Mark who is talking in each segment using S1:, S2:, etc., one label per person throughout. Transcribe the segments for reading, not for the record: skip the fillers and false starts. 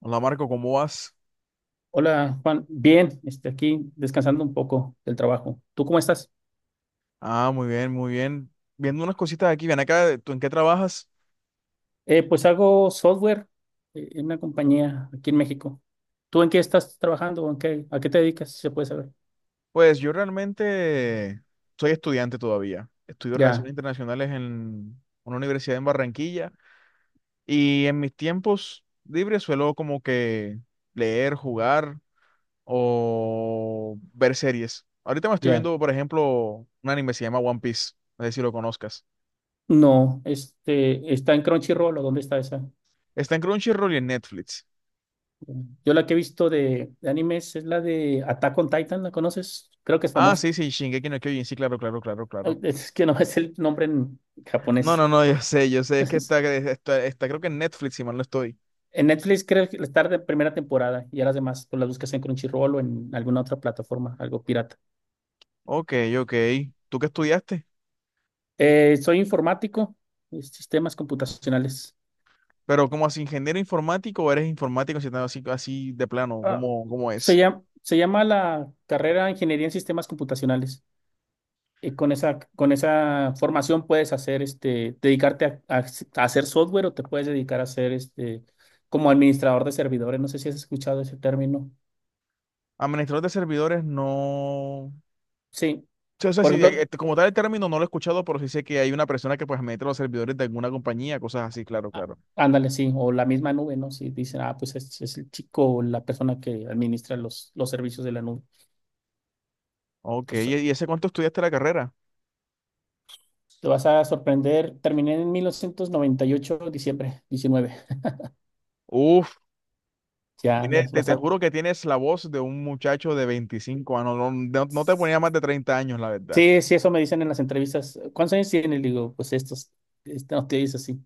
S1: Hola Marco, ¿cómo vas?
S2: Hola Juan, bien, aquí descansando un poco del trabajo. ¿Tú cómo estás?
S1: Ah, muy bien, muy bien. Viendo unas cositas aquí, ven acá, ¿tú en qué trabajas?
S2: Pues hago software en una compañía aquí en México. ¿Tú en qué estás trabajando, o en qué, a qué te dedicas? Si se puede saber.
S1: Pues yo realmente soy estudiante todavía. Estudio Relaciones
S2: Ya,
S1: Internacionales en una universidad en Barranquilla y en mis tiempos libres suelo como que leer, jugar o ver series. Ahorita me estoy
S2: ya.
S1: viendo, por ejemplo, un anime que se llama One Piece, no sé si lo conozcas.
S2: No, ¿está en Crunchyroll o dónde está esa?
S1: Está en Crunchyroll y en Netflix.
S2: Yo la que he visto de animes es la de Attack on Titan. ¿La conoces? Creo que es
S1: Ah,
S2: famosa.
S1: sí, sí, Shingeki no Kyojin, sí, claro, claro, claro, claro.
S2: Es que no es el nombre en
S1: No,
S2: japonés.
S1: no, no, yo sé, es que está creo que en Netflix, si mal no estoy.
S2: En Netflix creo que estar de primera temporada, y ya las demás pues las buscas en Crunchyroll o en alguna otra plataforma, algo pirata.
S1: Ok, ok. ¿Tú qué estudiaste?
S2: Soy informático, sistemas computacionales.
S1: Pero como así ingeniero informático o eres informático si estás así, así de plano,
S2: Ah,
S1: ¿cómo, cómo
S2: se
S1: es?
S2: llama, se llama la carrera Ingeniería en Sistemas Computacionales. Con esa formación puedes hacer dedicarte a hacer software, o te puedes dedicar a ser como administrador de servidores. No sé si has escuchado ese término.
S1: Administrador de servidores no.
S2: Sí.
S1: Sí, o sea,
S2: Por
S1: sí,
S2: ejemplo,
S1: como tal el término no lo he escuchado, pero sí sé que hay una persona que pues administra los servidores de alguna compañía, cosas así, claro,
S2: ah,
S1: claro.
S2: ándale, sí, o la misma nube, ¿no? Si dicen, ah, pues es el chico o la persona que administra los servicios de la nube.
S1: Ok, ¿y
S2: Entonces,
S1: ese cuánto estudiaste la carrera?
S2: te vas a sorprender. Terminé en 1998, diciembre 19.
S1: Uf,
S2: Ya, ya es
S1: te
S2: bastante.
S1: juro que tienes la voz de un muchacho de 25 años, no, no no te ponía más de 30 años, la verdad.
S2: Sí, sí, eso me dicen en las entrevistas. ¿Cuántos años tienes? Le digo, pues estos, no te dices así.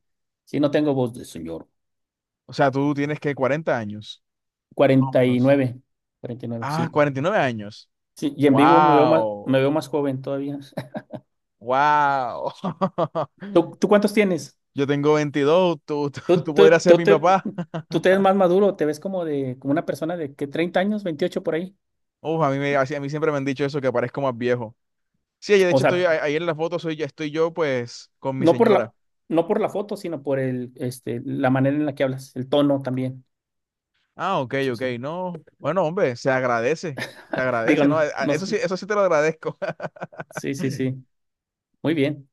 S2: Sí, no tengo voz de señor.
S1: O sea, tú tienes que 40 años. Más o
S2: Cuarenta y
S1: menos.
S2: nueve 49,
S1: Ah,
S2: sí.
S1: 49 años.
S2: Sí, y en vivo me veo más, me
S1: Wow.
S2: veo más joven todavía.
S1: Wow.
S2: ¿Tú cuántos tienes?
S1: Yo tengo 22.
S2: Tú,
S1: Tú
S2: tú,
S1: podrías ser
S2: tú
S1: mi
S2: te,
S1: papá.
S2: tú te ves más maduro, te ves como una persona de que 30 años, 28 por ahí.
S1: Uf, a mí siempre me han dicho eso, que parezco más viejo. Sí, de
S2: O
S1: hecho
S2: sea,
S1: ahí en la foto, soy, ya estoy yo pues con mi
S2: no por
S1: señora.
S2: la, no por la foto, sino por la manera en la que hablas, el tono también.
S1: Ah, ok,
S2: Sí,
S1: ok,
S2: sí.
S1: no. Bueno, hombre, se
S2: Digo,
S1: agradece, ¿no?
S2: no, no,
S1: Eso sí te lo agradezco.
S2: sí, sí, sí. Muy bien.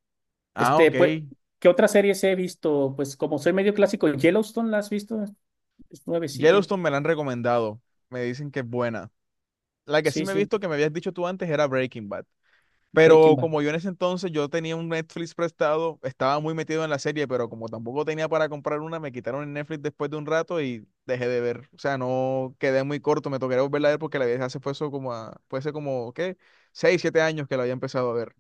S1: Ah, ok.
S2: Pues, ¿qué otras series he visto? Pues como soy medio clásico, Yellowstone, ¿la has visto? Es nuevecilla.
S1: Yellowstone me la han recomendado, me dicen que es buena. La que sí
S2: Sí,
S1: me he
S2: sí,
S1: visto que me habías dicho tú antes era Breaking Bad.
S2: Breaking
S1: Pero
S2: Bad.
S1: como yo en ese entonces yo tenía un Netflix prestado, estaba muy metido en la serie, pero como tampoco tenía para comprar una, me quitaron el Netflix después de un rato y dejé de ver. O sea, no quedé muy corto, me tocaría volverla a ver porque la vi hace fue eso como a, puede ser como, ¿qué? 6, 7 años que la había empezado a ver.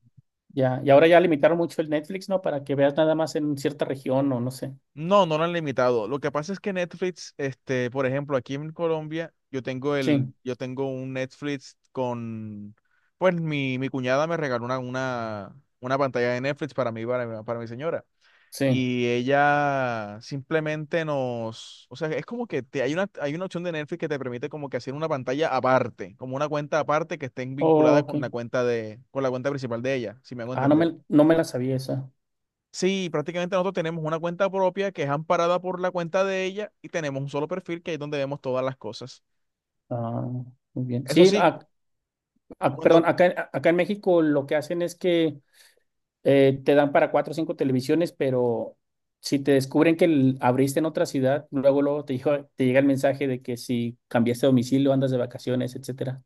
S2: Ya, y ahora ya limitaron mucho el Netflix, ¿no? Para que veas nada más en cierta región o no sé.
S1: No, no lo han limitado. Lo que pasa es que Netflix, este, por ejemplo, aquí en Colombia,
S2: Sí,
S1: yo tengo un Netflix con, pues mi cuñada me regaló una pantalla de Netflix para mí, para mi señora.
S2: sí.
S1: Y ella simplemente nos, o sea, es como que te, hay una opción de Netflix que te permite como que hacer una pantalla aparte, como una cuenta aparte que esté vinculada
S2: Ok.
S1: con con la cuenta principal de ella, si me hago
S2: Ah, no
S1: entender.
S2: me, no me la sabía esa.
S1: Sí, prácticamente nosotros tenemos una cuenta propia que es amparada por la cuenta de ella y tenemos un solo perfil que es donde vemos todas las cosas.
S2: Ah, muy bien.
S1: Eso
S2: Sí,
S1: sí, cuando...
S2: perdón, acá en México lo que hacen es que te dan para cuatro o cinco televisiones, pero si te descubren que abriste en otra ciudad, luego te llega el mensaje de que si cambiaste de domicilio, andas de vacaciones, etcétera.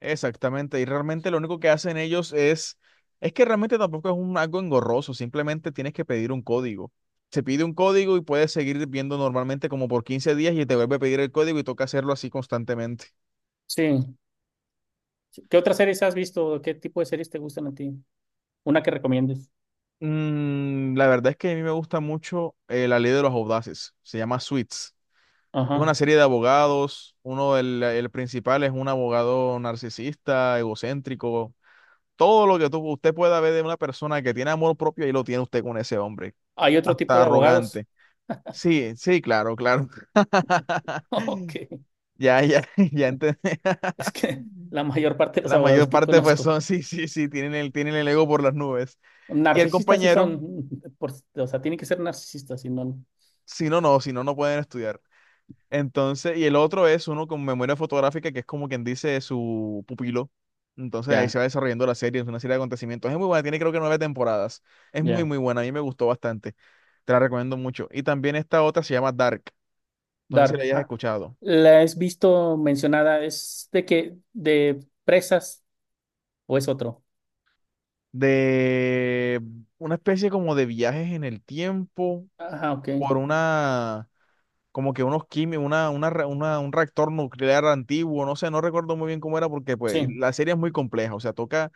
S1: Exactamente, y realmente lo único que hacen ellos es... Es que realmente tampoco es algo engorroso, simplemente tienes que pedir un código. Se pide un código y puedes seguir viendo normalmente como por 15 días y te vuelve a pedir el código y toca hacerlo así constantemente.
S2: Sí. ¿Qué otras series has visto? ¿Qué tipo de series te gustan a ti? Una que recomiendes.
S1: La verdad es que a mí me gusta mucho la ley de los audaces, se llama Suits. Es una
S2: Ajá.
S1: serie de abogados. Uno, el principal es un abogado narcisista, egocéntrico. Todo lo que usted pueda ver de una persona que tiene amor propio, ahí lo tiene usted con ese hombre.
S2: ¿Hay otro tipo
S1: Hasta
S2: de abogados?
S1: arrogante. Sí, sí, claro, claro.
S2: Ok.
S1: Ya, ya, ya entendí.
S2: Es que la mayor parte de los
S1: La
S2: abogados
S1: mayor
S2: que
S1: parte, pues
S2: conozco.
S1: son, sí, sí, sí, tienen el ego por las nubes. Y el
S2: Narcisistas sí
S1: compañero,
S2: son, o sea, tienen que ser narcisistas, si no,
S1: si no, no, si no, no pueden estudiar. Entonces, y el otro es uno con memoria fotográfica, que es como quien dice su pupilo. Entonces ahí
S2: ya,
S1: se va desarrollando la serie, es una serie de acontecimientos. Es muy buena, tiene creo que 9 temporadas. Es muy,
S2: ya.
S1: muy buena, a mí me gustó bastante. Te la recomiendo mucho. Y también esta otra se llama Dark, no sé si la
S2: Dark.
S1: hayas
S2: Ah,
S1: escuchado.
S2: la has visto mencionada. ¿Es de que, de presas o es otro?
S1: De una especie como de viajes en el tiempo
S2: Ajá, ok,
S1: por una, como que unos químicos, un reactor nuclear antiguo, no sé, no recuerdo muy bien cómo era porque pues y
S2: sí.
S1: la serie es muy compleja, o sea, toca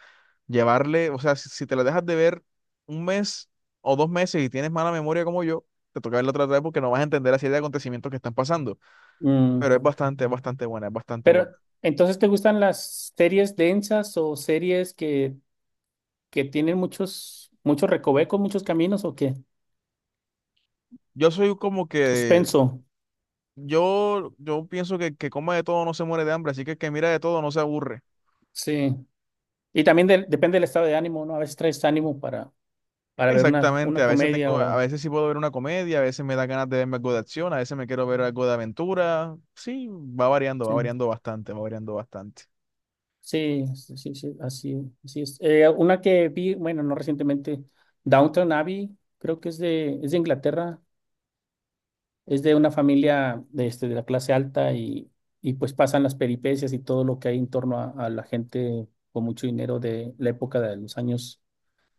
S1: llevarle, o sea, si, si te la dejas de ver un mes o dos meses y tienes mala memoria como yo, te toca verla otra vez porque no vas a entender la serie de acontecimientos que están pasando.
S2: Mm,
S1: Pero es bastante buena, es bastante
S2: pero,
S1: buena.
S2: ¿entonces te gustan las series densas o series que tienen muchos recovecos, muchos caminos o qué?
S1: Yo soy como que,
S2: Suspenso,
S1: yo pienso que coma de todo no se muere de hambre, así que el que mira de todo no se aburre.
S2: sí. Y también depende del estado de ánimo, ¿no? A veces traes ánimo para,
S1: Exactamente,
S2: una
S1: a veces
S2: comedia
S1: tengo, a
S2: o...
S1: veces sí puedo ver una comedia, a veces me da ganas de verme algo de acción, a veces me quiero ver algo de aventura. Sí, va
S2: Sí.
S1: variando bastante, va variando bastante.
S2: Sí, sí, sí, sí, así, así es. Una que vi, bueno, no recientemente, Downton Abbey, creo que es de Inglaterra. Es de una familia de, de la clase alta, pues pasan las peripecias y todo lo que hay en torno a la gente con mucho dinero, de la época de los años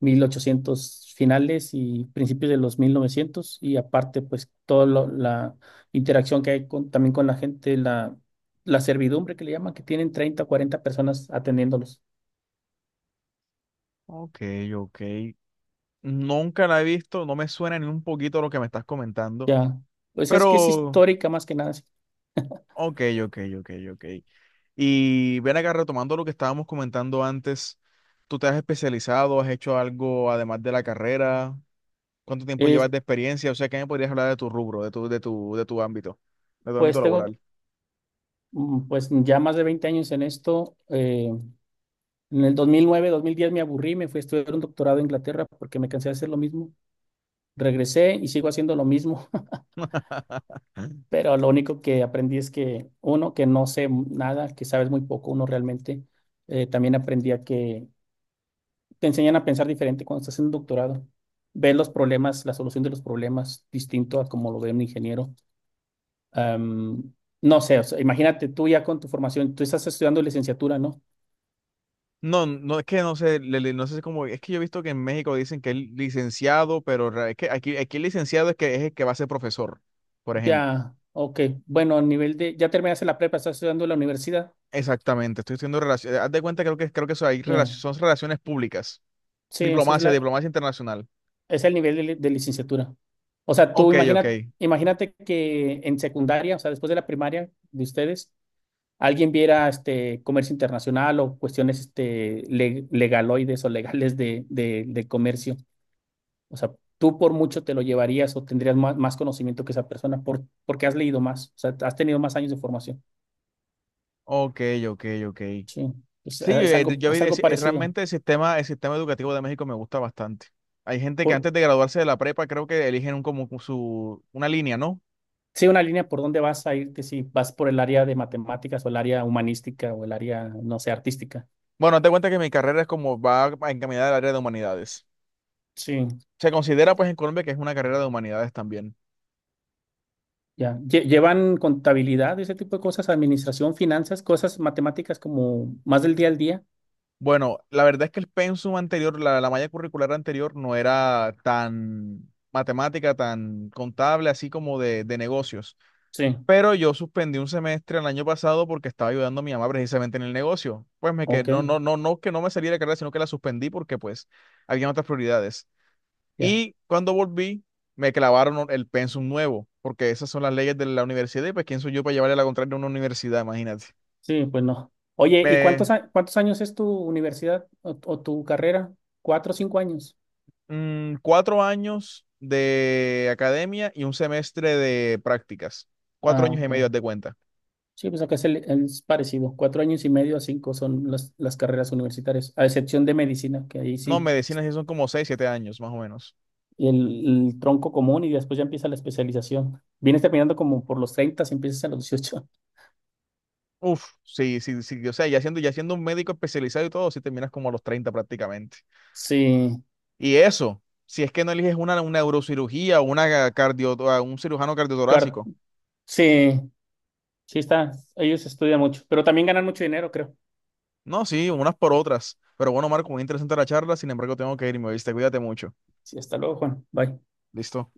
S2: 1800 finales y principios de los 1900, y aparte pues toda la interacción que hay con, también con la gente, la servidumbre que le llaman, que tienen 30, 40 personas atendiéndolos.
S1: Ok, ok. Nunca la he visto, no me suena ni un poquito lo que me estás comentando,
S2: Ya, pues es que es
S1: pero
S2: histórica más que nada. Sí.
S1: ok, ok, ok, ok. Y ven acá retomando lo que estábamos comentando antes, ¿tú te has especializado, has hecho algo además de la carrera? ¿Cuánto tiempo
S2: Eh,
S1: llevas de experiencia? O sea, ¿qué me podrías hablar de tu rubro, de tu ámbito
S2: pues tengo,
S1: laboral?
S2: pues ya más de 20 años en esto. En el 2009, 2010 me aburrí, me fui a estudiar un doctorado en Inglaterra porque me cansé de hacer lo mismo. Regresé y sigo haciendo lo mismo, pero lo único que aprendí es que uno, que no sé nada, que sabes muy poco uno realmente. También aprendí a que te enseñan a pensar diferente cuando estás en un doctorado. Ves los problemas, la solución de los problemas, distinto a como lo ve un ingeniero. Am, no sé, o sea, imagínate, tú ya con tu formación, tú estás estudiando licenciatura, ¿no?
S1: No, no es que no sé, no sé cómo, es que yo he visto que en México dicen que es licenciado, pero es que aquí, aquí el licenciado es que es el que va a ser profesor, por ejemplo.
S2: Ya, ok, bueno, a nivel de, ya terminaste la prepa, estás estudiando en la universidad,
S1: Exactamente, estoy haciendo relaciones. Haz de cuenta, creo que eso hay
S2: ya.
S1: son relaciones públicas.
S2: Sí, ese es
S1: Diplomacia,
S2: la, ese
S1: diplomacia internacional.
S2: es el nivel de, de licenciatura. O sea, tú
S1: Ok, ok.
S2: imagina, imagínate que en secundaria, o sea, después de la primaria de ustedes, alguien viera comercio internacional, o cuestiones legaloides o legales del comercio. O sea, tú por mucho te lo llevarías o tendrías más conocimiento que esa persona, porque has leído más, o sea, has tenido más años de formación.
S1: Ok, ok, ok.
S2: Sí, es,
S1: Sí,
S2: es algo, es algo parecido.
S1: realmente el sistema educativo de México me gusta bastante. Hay gente que
S2: Por,
S1: antes de graduarse de la prepa creo que eligen un, como su, una línea, ¿no?
S2: sí, una línea por dónde vas a irte, si vas por el área de matemáticas, o el área humanística, o el área, no sé, artística.
S1: Bueno, haz de cuenta que mi carrera es como va encaminada al área de humanidades.
S2: Sí,
S1: Se considera pues en Colombia que es una carrera de humanidades también.
S2: ya. ¿Llevan contabilidad, ese tipo de cosas, administración, finanzas, cosas matemáticas como más del día al día?
S1: Bueno, la verdad es que el pensum anterior, la malla curricular anterior no era tan matemática, tan contable, así como de negocios.
S2: Sí,
S1: Pero yo suspendí un semestre el año pasado porque estaba ayudando a mi mamá precisamente en el negocio. Pues me que
S2: ok,
S1: no, no, no, no que no me salí de la carrera, sino que la suspendí porque pues había otras prioridades.
S2: ya.
S1: Y cuando volví, me clavaron el pensum nuevo, porque esas son las leyes de la universidad y pues quién soy yo para llevarle la contraria a una universidad, imagínate.
S2: Sí, pues no. Oye, ¿y
S1: Me,
S2: cuántos, cuántos años es tu universidad o tu carrera? ¿Cuatro o cinco años?
S1: 4 años de academia y un semestre de prácticas. Cuatro
S2: Ah,
S1: años y
S2: ok.
S1: medio, haz de cuenta.
S2: Sí, pues acá es parecido. Cuatro años y medio a cinco son las carreras universitarias, a excepción de medicina, que ahí
S1: No,
S2: sí,
S1: medicina sí son como 6, 7 años, más o menos.
S2: el tronco común y después ya empieza la especialización. Vienes terminando como por los 30, si empiezas a los 18.
S1: Uf, sí, sí, sí. O sea, ya siendo un médico especializado y todo, sí terminas como a los 30 prácticamente.
S2: Sí,
S1: Y eso, si es que no eliges una neurocirugía o una cardio, o un cirujano
S2: car-
S1: cardiotorácico.
S2: sí, sí está. Ellos estudian mucho, pero también ganan mucho dinero, creo.
S1: No, sí, unas por otras. Pero bueno, Marco, muy interesante la charla. Sin embargo, tengo que irme, ¿viste? Cuídate mucho.
S2: Sí, hasta luego, Juan. Bye.
S1: Listo.